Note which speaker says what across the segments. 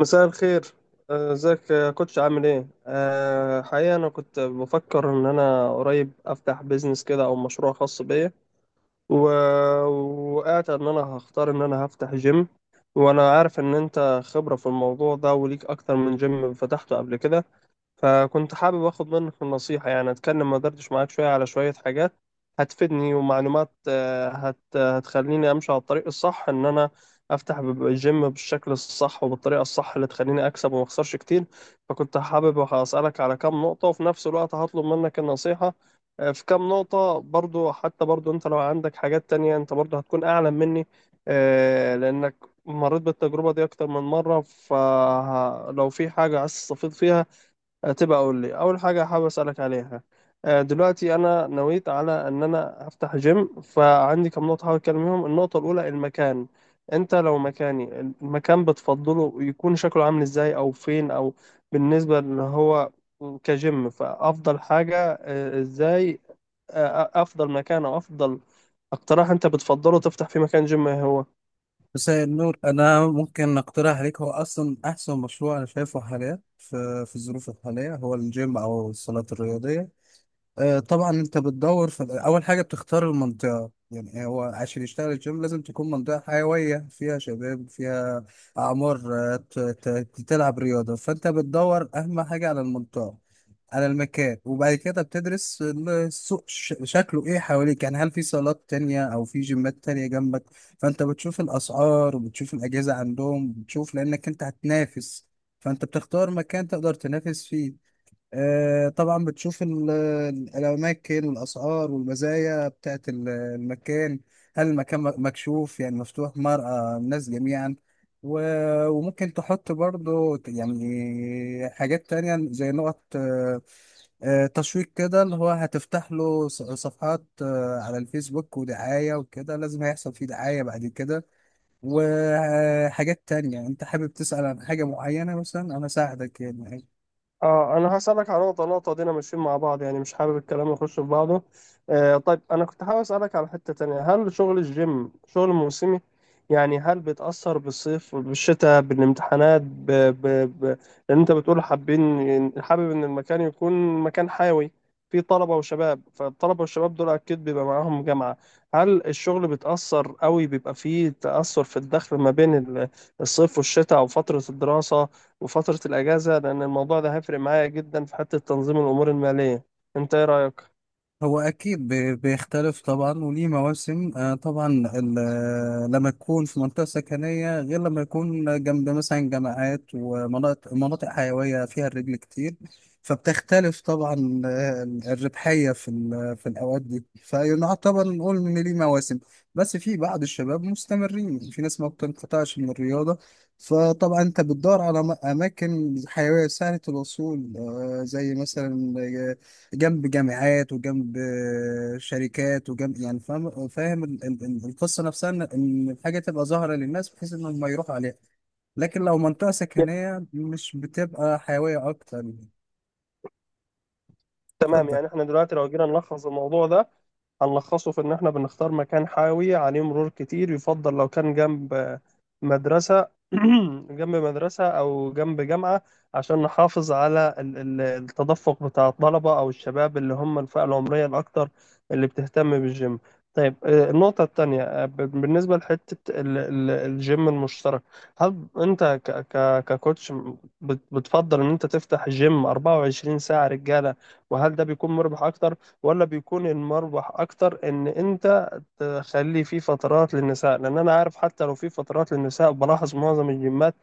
Speaker 1: مساء الخير. ازيك يا كوتش، عامل ايه؟ حقيقة انا كنت بفكر ان انا قريب افتح بيزنس كده او مشروع خاص بيا. و- وقعت ان انا هختار ان انا هفتح جيم، وانا عارف ان انت خبرة في الموضوع ده، وليك اكتر من جيم فتحته قبل كده. فكنت حابب اخد منك النصيحة، يعني اتكلم ما دردش معاك شوية على شوية حاجات هتفيدني ومعلومات هتخليني امشي على الطريق الصح، ان انا افتح الجيم بالشكل الصح وبالطريقة الصح اللي تخليني اكسب وما اخسرش كتير. فكنت حابب اسالك على كام نقطة، وفي نفس الوقت هطلب منك النصيحة في كام نقطة برضو. حتى برضو انت لو عندك حاجات تانية انت برضو هتكون اعلم مني، لانك مريت بالتجربة دي اكتر من مرة، فلو في حاجة عايز تستفيد فيها تبقى اقول لي. اول حاجه حابب اسالك عليها، دلوقتي انا نويت على ان انا افتح جيم، فعندي كم نقطه حابب اتكلم فيهم. النقطه الاولى المكان. انت لو مكاني، المكان بتفضله يكون شكله عامل ازاي؟ او فين؟ او بالنسبه ان هو كجيم فافضل حاجه ازاي؟ افضل مكان او افضل اقتراح انت بتفضله تفتح في مكان جيم إيه هو؟
Speaker 2: مساء النور. انا ممكن اقترح عليك، هو اصلا احسن مشروع انا شايفه حاليا في الظروف الحاليه هو الجيم او الصالات الرياضيه. طبعا انت بتدور في اول حاجه بتختار المنطقه، يعني هو عشان يشتغل الجيم لازم تكون منطقه حيويه فيها شباب، فيها اعمار تلعب رياضه، فانت بتدور اهم حاجه على المنطقه، على المكان. وبعد كده بتدرس السوق شكله ايه حواليك، يعني هل في صالات تانية او في جيمات تانية جنبك. فانت بتشوف الاسعار وبتشوف الاجهزه عندهم، بتشوف لانك انت هتنافس، فانت بتختار مكان تقدر تنافس فيه. طبعا بتشوف الأماكن والأسعار والمزايا بتاعت المكان. هل المكان مكشوف، يعني مفتوح مرأة الناس جميعا؟ وممكن تحط برضو يعني حاجات تانية زي نقط تشويق كده، اللي هو هتفتح له صفحات على الفيسبوك ودعاية وكده. لازم هيحصل فيه دعاية بعد كده وحاجات تانية. انت حابب تسأل عن حاجة معينة مثلا انا ساعدك يعني؟
Speaker 1: اه، انا هسألك على نقطة نقطة دينا ماشيين مع بعض، يعني مش حابب الكلام يخش في بعضه. آه، طيب انا كنت حابب أسألك على حتة تانية، هل شغل الجيم شغل موسمي؟ يعني هل بيتأثر بالصيف، بالشتاء، بالامتحانات، ب... لان انت بتقول حابب ان المكان يكون مكان حيوي فيه طلبة وشباب، فالطلبة والشباب دول اكيد بيبقى معاهم جامعة. هل الشغل بيتأثر قوي؟ بيبقى فيه تأثر في الدخل ما بين الصيف والشتاء، او فترة الدراسة وفترة الأجازة؟ لأن الموضوع ده هيفرق معايا جدا في حتة تنظيم الأمور المالية. أنت إيه رأيك؟
Speaker 2: هو أكيد بيختلف طبعا وليه مواسم. طبعا ال- لما تكون في منطقة سكنية غير لما يكون جنب مثلا جامعات ومناطق مناطق حيوية فيها الرجل كتير، فبتختلف طبعا. الربحية في في الأوقات دي، فيعتبر نقول إن ليه مواسم. بس في بعض الشباب مستمرين، في ناس ما بتنقطعش من الرياضة. فطبعا أنت بتدور على أماكن حيوية سهلة الوصول، زي مثلا جنب جامعات وجنب شركات وجنب، يعني فاهم فاهم القصه نفسها، إن الحاجه تبقى ظاهره للناس بحيث انهم ما يروحوا عليها. لكن لو منطقه
Speaker 1: يا-
Speaker 2: سكنيه مش بتبقى حيويه اكتر يعني.
Speaker 1: تمام،
Speaker 2: اتفضل.
Speaker 1: يعني إحنا دلوقتي لو جينا نلخص الموضوع ده هنلخصه في إن إحنا بنختار مكان حيوي عليه مرور كتير، يفضل لو كان جنب مدرسة جنب مدرسة أو جنب جامعة، عشان نحافظ على التدفق بتاع الطلبة أو الشباب اللي هم الفئة العمرية الأكتر اللي بتهتم بالجيم. طيب، النقطة التانية، بالنسبة لحتة الجيم المشترك. هل أنت ككوتش بتفضل إن أنت تفتح جيم 24 ساعة رجالة؟ وهل ده بيكون مربح أكتر، ولا بيكون المربح اكتر ان انت تخلي في فترات للنساء؟ لان انا عارف حتى لو في فترات للنساء بلاحظ معظم الجيمات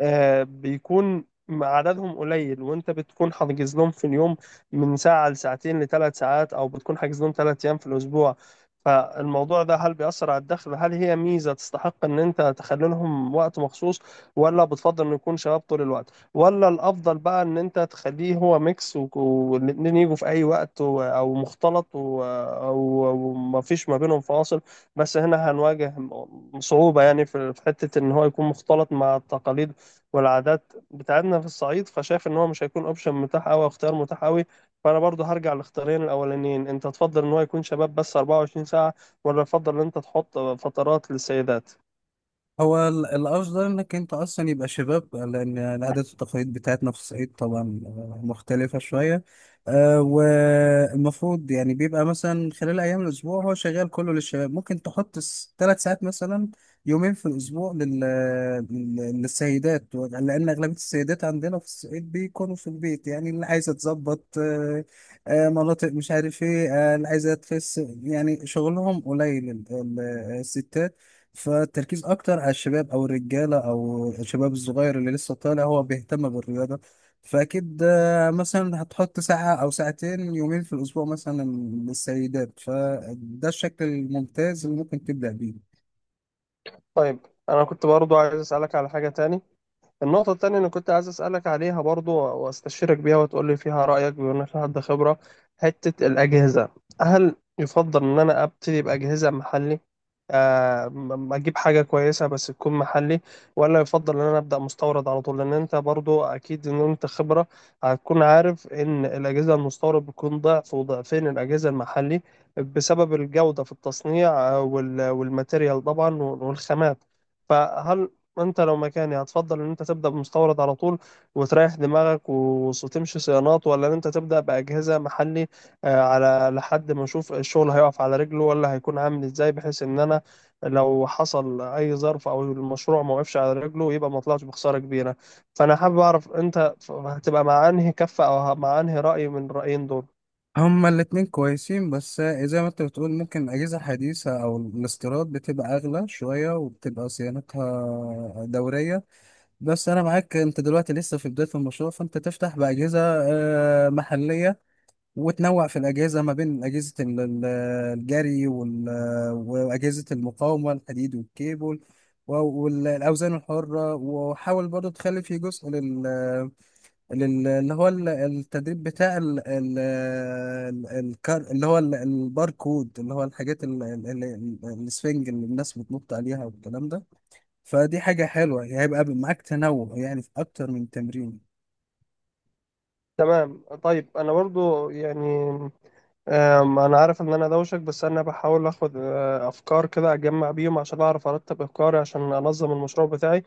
Speaker 1: بيكون عددهم قليل، وانت بتكون حاجز لهم في اليوم من ساعة لساعتين لثلاث ساعات، او بتكون حاجز لهم ثلاث ايام في الاسبوع. فالموضوع ده هل بيأثر على الدخل؟ هل هي ميزة تستحق ان انت تخلي لهم وقت مخصوص؟ ولا بتفضل ان يكون شباب طول الوقت؟ ولا الافضل بقى ان انت تخليه هو ميكس والاتنين يجوا في اي وقت، او مختلط، او ما فيش ما بينهم فاصل؟ بس هنا هنواجه صعوبة، يعني في حتة ان هو يكون مختلط مع التقاليد والعادات بتاعتنا في الصعيد، فشايف ان هو مش هيكون اوبشن متاح قوي، اختيار متاح قوي. فانا برضو هرجع للاختيارين الاولانيين، انت تفضل ان هو يكون شباب بس 24 ساعة؟ ولا تفضل ان انت تحط فترات للسيدات؟
Speaker 2: هو الأفضل إنك أنت أصلا يبقى شباب، لأن العادات والتقاليد بتاعتنا في الصعيد طبعا مختلفة شوية. والمفروض يعني بيبقى مثلا خلال أيام الأسبوع هو شغال كله للشباب. ممكن تحط 3 ساعات مثلا، يومين في الأسبوع للسيدات، لأن أغلبية السيدات عندنا في الصعيد بيكونوا في البيت، يعني اللي عايزة تظبط مناطق مش عارف إيه، اللي عايزة تخس، يعني شغلهم قليل الستات. فالتركيز اكتر على الشباب او الرجاله او الشباب الصغير اللي لسه طالع هو بيهتم بالرياضه. فاكيد مثلا هتحط ساعه او ساعتين، يومين في الاسبوع مثلا للسيدات. فده الشكل الممتاز اللي ممكن تبدا بيه.
Speaker 1: طيب، انا كنت برضو عايز اسالك على حاجة تاني. النقطة التانية اللي كنت عايز أسألك عليها برضو وأستشيرك بيها وتقولي فيها رأيك، بما إنك حد خبرة، حتة الأجهزة. هل يفضل إن أنا أبتدي بأجهزة محلي، أجيب حاجة كويسة بس تكون محلي؟ ولا يفضل إن أنا أبدأ مستورد على طول؟ لأن أنت برضو أكيد إن أنت خبرة، هتكون عارف إن الأجهزة المستورد بتكون ضعف وضعفين الأجهزة المحلي بسبب الجودة في التصنيع، والماتيريال طبعا والخامات. فهل انت لو مكاني هتفضل ان انت تبدا بمستورد على طول وتريح دماغك وتمشي صيانات، ولا ان انت تبدا باجهزه محلي على لحد ما اشوف الشغل هيقف على رجله ولا هيكون عامل ازاي، بحيث ان انا لو حصل اي ظرف او المشروع ما وقفش على رجله يبقى ما طلعش بخساره كبيره؟ فانا حابب اعرف انت هتبقى مع انهي كفه، او مع انهي راي من الرايين دول؟
Speaker 2: هما الاتنين كويسين، بس زي ما انت بتقول ممكن اجهزه حديثه او الاستيراد بتبقى اغلى شويه وبتبقى صيانتها دوريه. بس انا معاك، انت دلوقتي لسه في بدايه المشروع، فانت تفتح باجهزه محليه، وتنوع في الأجهزة ما بين أجهزة الجري وأجهزة المقاومة، الحديد والكيبل و- والأوزان الحرة. وحاول برضه تخلي في جزء اللي هو التدريب بتاع اللي هو الباركود، اللي هو الحاجات السفنج اللي الناس بتنط عليها والكلام ده. فدي حاجة حلوة، يعني هيبقى معاك تنوع يعني في أكتر من تمرين.
Speaker 1: تمام. طيب انا برضو يعني، انا عارف ان انا دوشك، بس انا بحاول اخد افكار كده اجمع بيهم عشان اعرف ارتب افكاري عشان انظم المشروع بتاعي.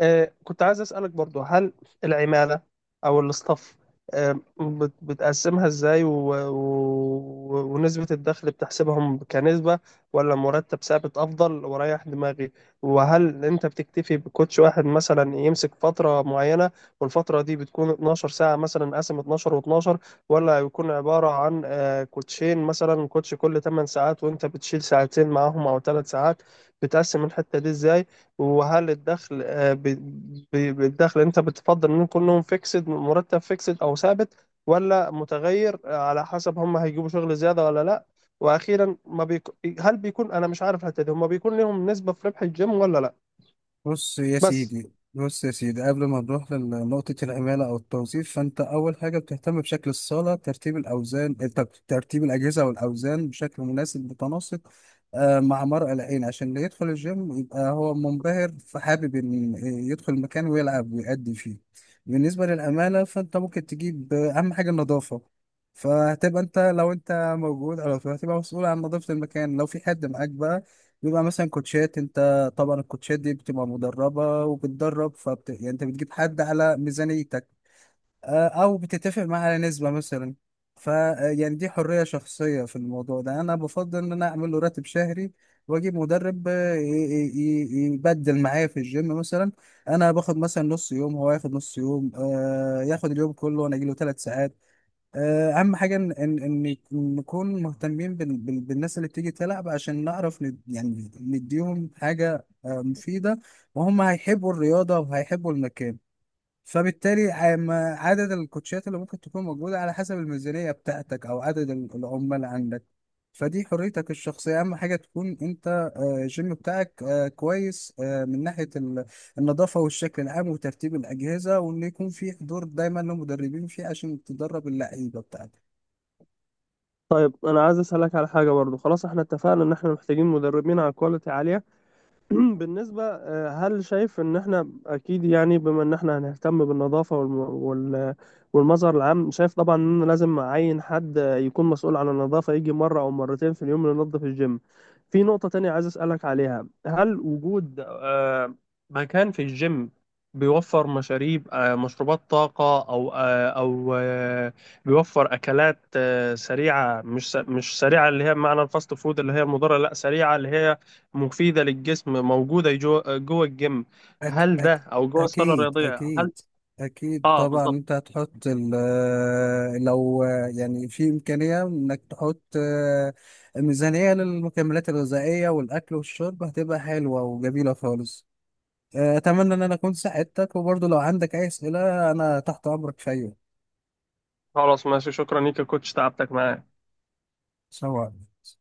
Speaker 1: كنت عايز أسألك برضو هل العمالة أو الاستاف بتقسمها إزاي؟ ونسبة الدخل بتحسبهم كنسبة، ولا مرتب ثابت أفضل وريح دماغي؟ وهل أنت بتكتفي بكوتش واحد مثلا يمسك فترة معينة، والفترة دي بتكون 12 ساعة مثلا، قسم 12 و12؟ ولا بيكون عبارة عن كوتشين، مثلا كوتش كل 8 ساعات وأنت بتشيل ساعتين معاهم أو 3 ساعات؟ بتقسم الحتة دي إزاي؟ وهل الدخل، بالدخل انت بتفضل ان كلهم فيكسد، مرتب فيكسد او ثابت، ولا متغير على حسب هم هيجيبوا شغل زيادة ولا لا؟ واخيرا، ما بيك... هل بيكون، انا مش عارف الحتة دي، هم بيكون لهم نسبة في ربح الجيم ولا لا؟
Speaker 2: بص يا
Speaker 1: بس.
Speaker 2: سيدي، بص يا سيدي، قبل ما نروح لنقطة العمالة أو التوظيف، فأنت أول حاجة بتهتم بشكل الصالة، ترتيب الأوزان، ترتيب الأجهزة والأوزان بشكل مناسب متناسق مع مرء العين، عشان اللي يدخل الجيم يبقى هو منبهر، فحابب إن يدخل المكان ويلعب ويأدي فيه. بالنسبة للعمالة، فأنت ممكن تجيب أهم حاجة النظافة. فهتبقى أنت لو أنت موجود أو هتبقى مسؤول عن نظافة المكان. لو في حد معاك بقى، بيبقى مثلا كوتشات. انت طبعا الكوتشات دي بتبقى مدربة وبتدرب، يعني انت بتجيب حد على ميزانيتك، او بتتفق معاه على نسبة مثلا. ف يعني دي حرية شخصية في الموضوع ده. انا بفضل ان انا اعمل له راتب شهري واجيب مدرب يبدل معايا في الجيم، مثلا انا باخد مثلا نص يوم، هو ياخد نص يوم، ياخد اليوم كله وانا اجي له 3 ساعات. اهم حاجه ان ان إن نكون مهتمين بالناس اللي بتيجي تلعب، عشان نعرف يعني نديهم حاجه مفيده، وهم هيحبوا الرياضه وهيحبوا المكان. فبالتالي عدد الكوتشات اللي ممكن تكون موجودة على حسب الميزانية بتاعتك أو عدد العمال عندك. فدي حريتك الشخصية. أهم حاجة تكون أنت الجيم بتاعك كويس من ناحية النظافة والشكل العام وترتيب الأجهزة، وإن يكون في حضور دايما لمدربين فيه عشان تدرب اللعيبة بتاعتك.
Speaker 1: طيب انا عايز اسالك على حاجة برضو. خلاص احنا اتفقنا ان احنا محتاجين مدربين على كواليتي عالية. بالنسبة هل شايف إن إحنا أكيد، يعني بما إن إحنا هنهتم بالنظافة وال- والمظهر العام، شايف طبعا إن لازم أعين حد يكون مسؤول عن النظافة، يجي مرة أو مرتين في اليوم ينظف الجيم؟ في نقطة تانية عايز أسألك عليها، هل وجود مكان في الجيم بيوفر مشاريب، مشروبات طاقة، أو آه، أو آه، بيوفر أكلات سريعة، مش مش سريعة اللي هي بمعنى الفاست فود اللي هي مضرة، لا سريعة اللي هي مفيدة للجسم، موجودة جوه الجيم؟
Speaker 2: أك
Speaker 1: هل ده
Speaker 2: أك
Speaker 1: أو جوه الصالة
Speaker 2: أكيد
Speaker 1: الرياضية، هل؟
Speaker 2: أكيد. أكيد
Speaker 1: آه،
Speaker 2: طبعا،
Speaker 1: بالظبط.
Speaker 2: أنت هتحط لو يعني في إمكانية إنك تحط ميزانية للمكملات الغذائية والأكل والشرب هتبقى حلوة وجميلة خالص. أتمنى إن أنا أكون ساعدتك، وبرضه لو عندك أي أسئلة أنا تحت أمرك في أي وقت.
Speaker 1: خلاص ماشي، شكرا ليك يا كوتش، تعبتك معايا.
Speaker 2: سلام عليكم.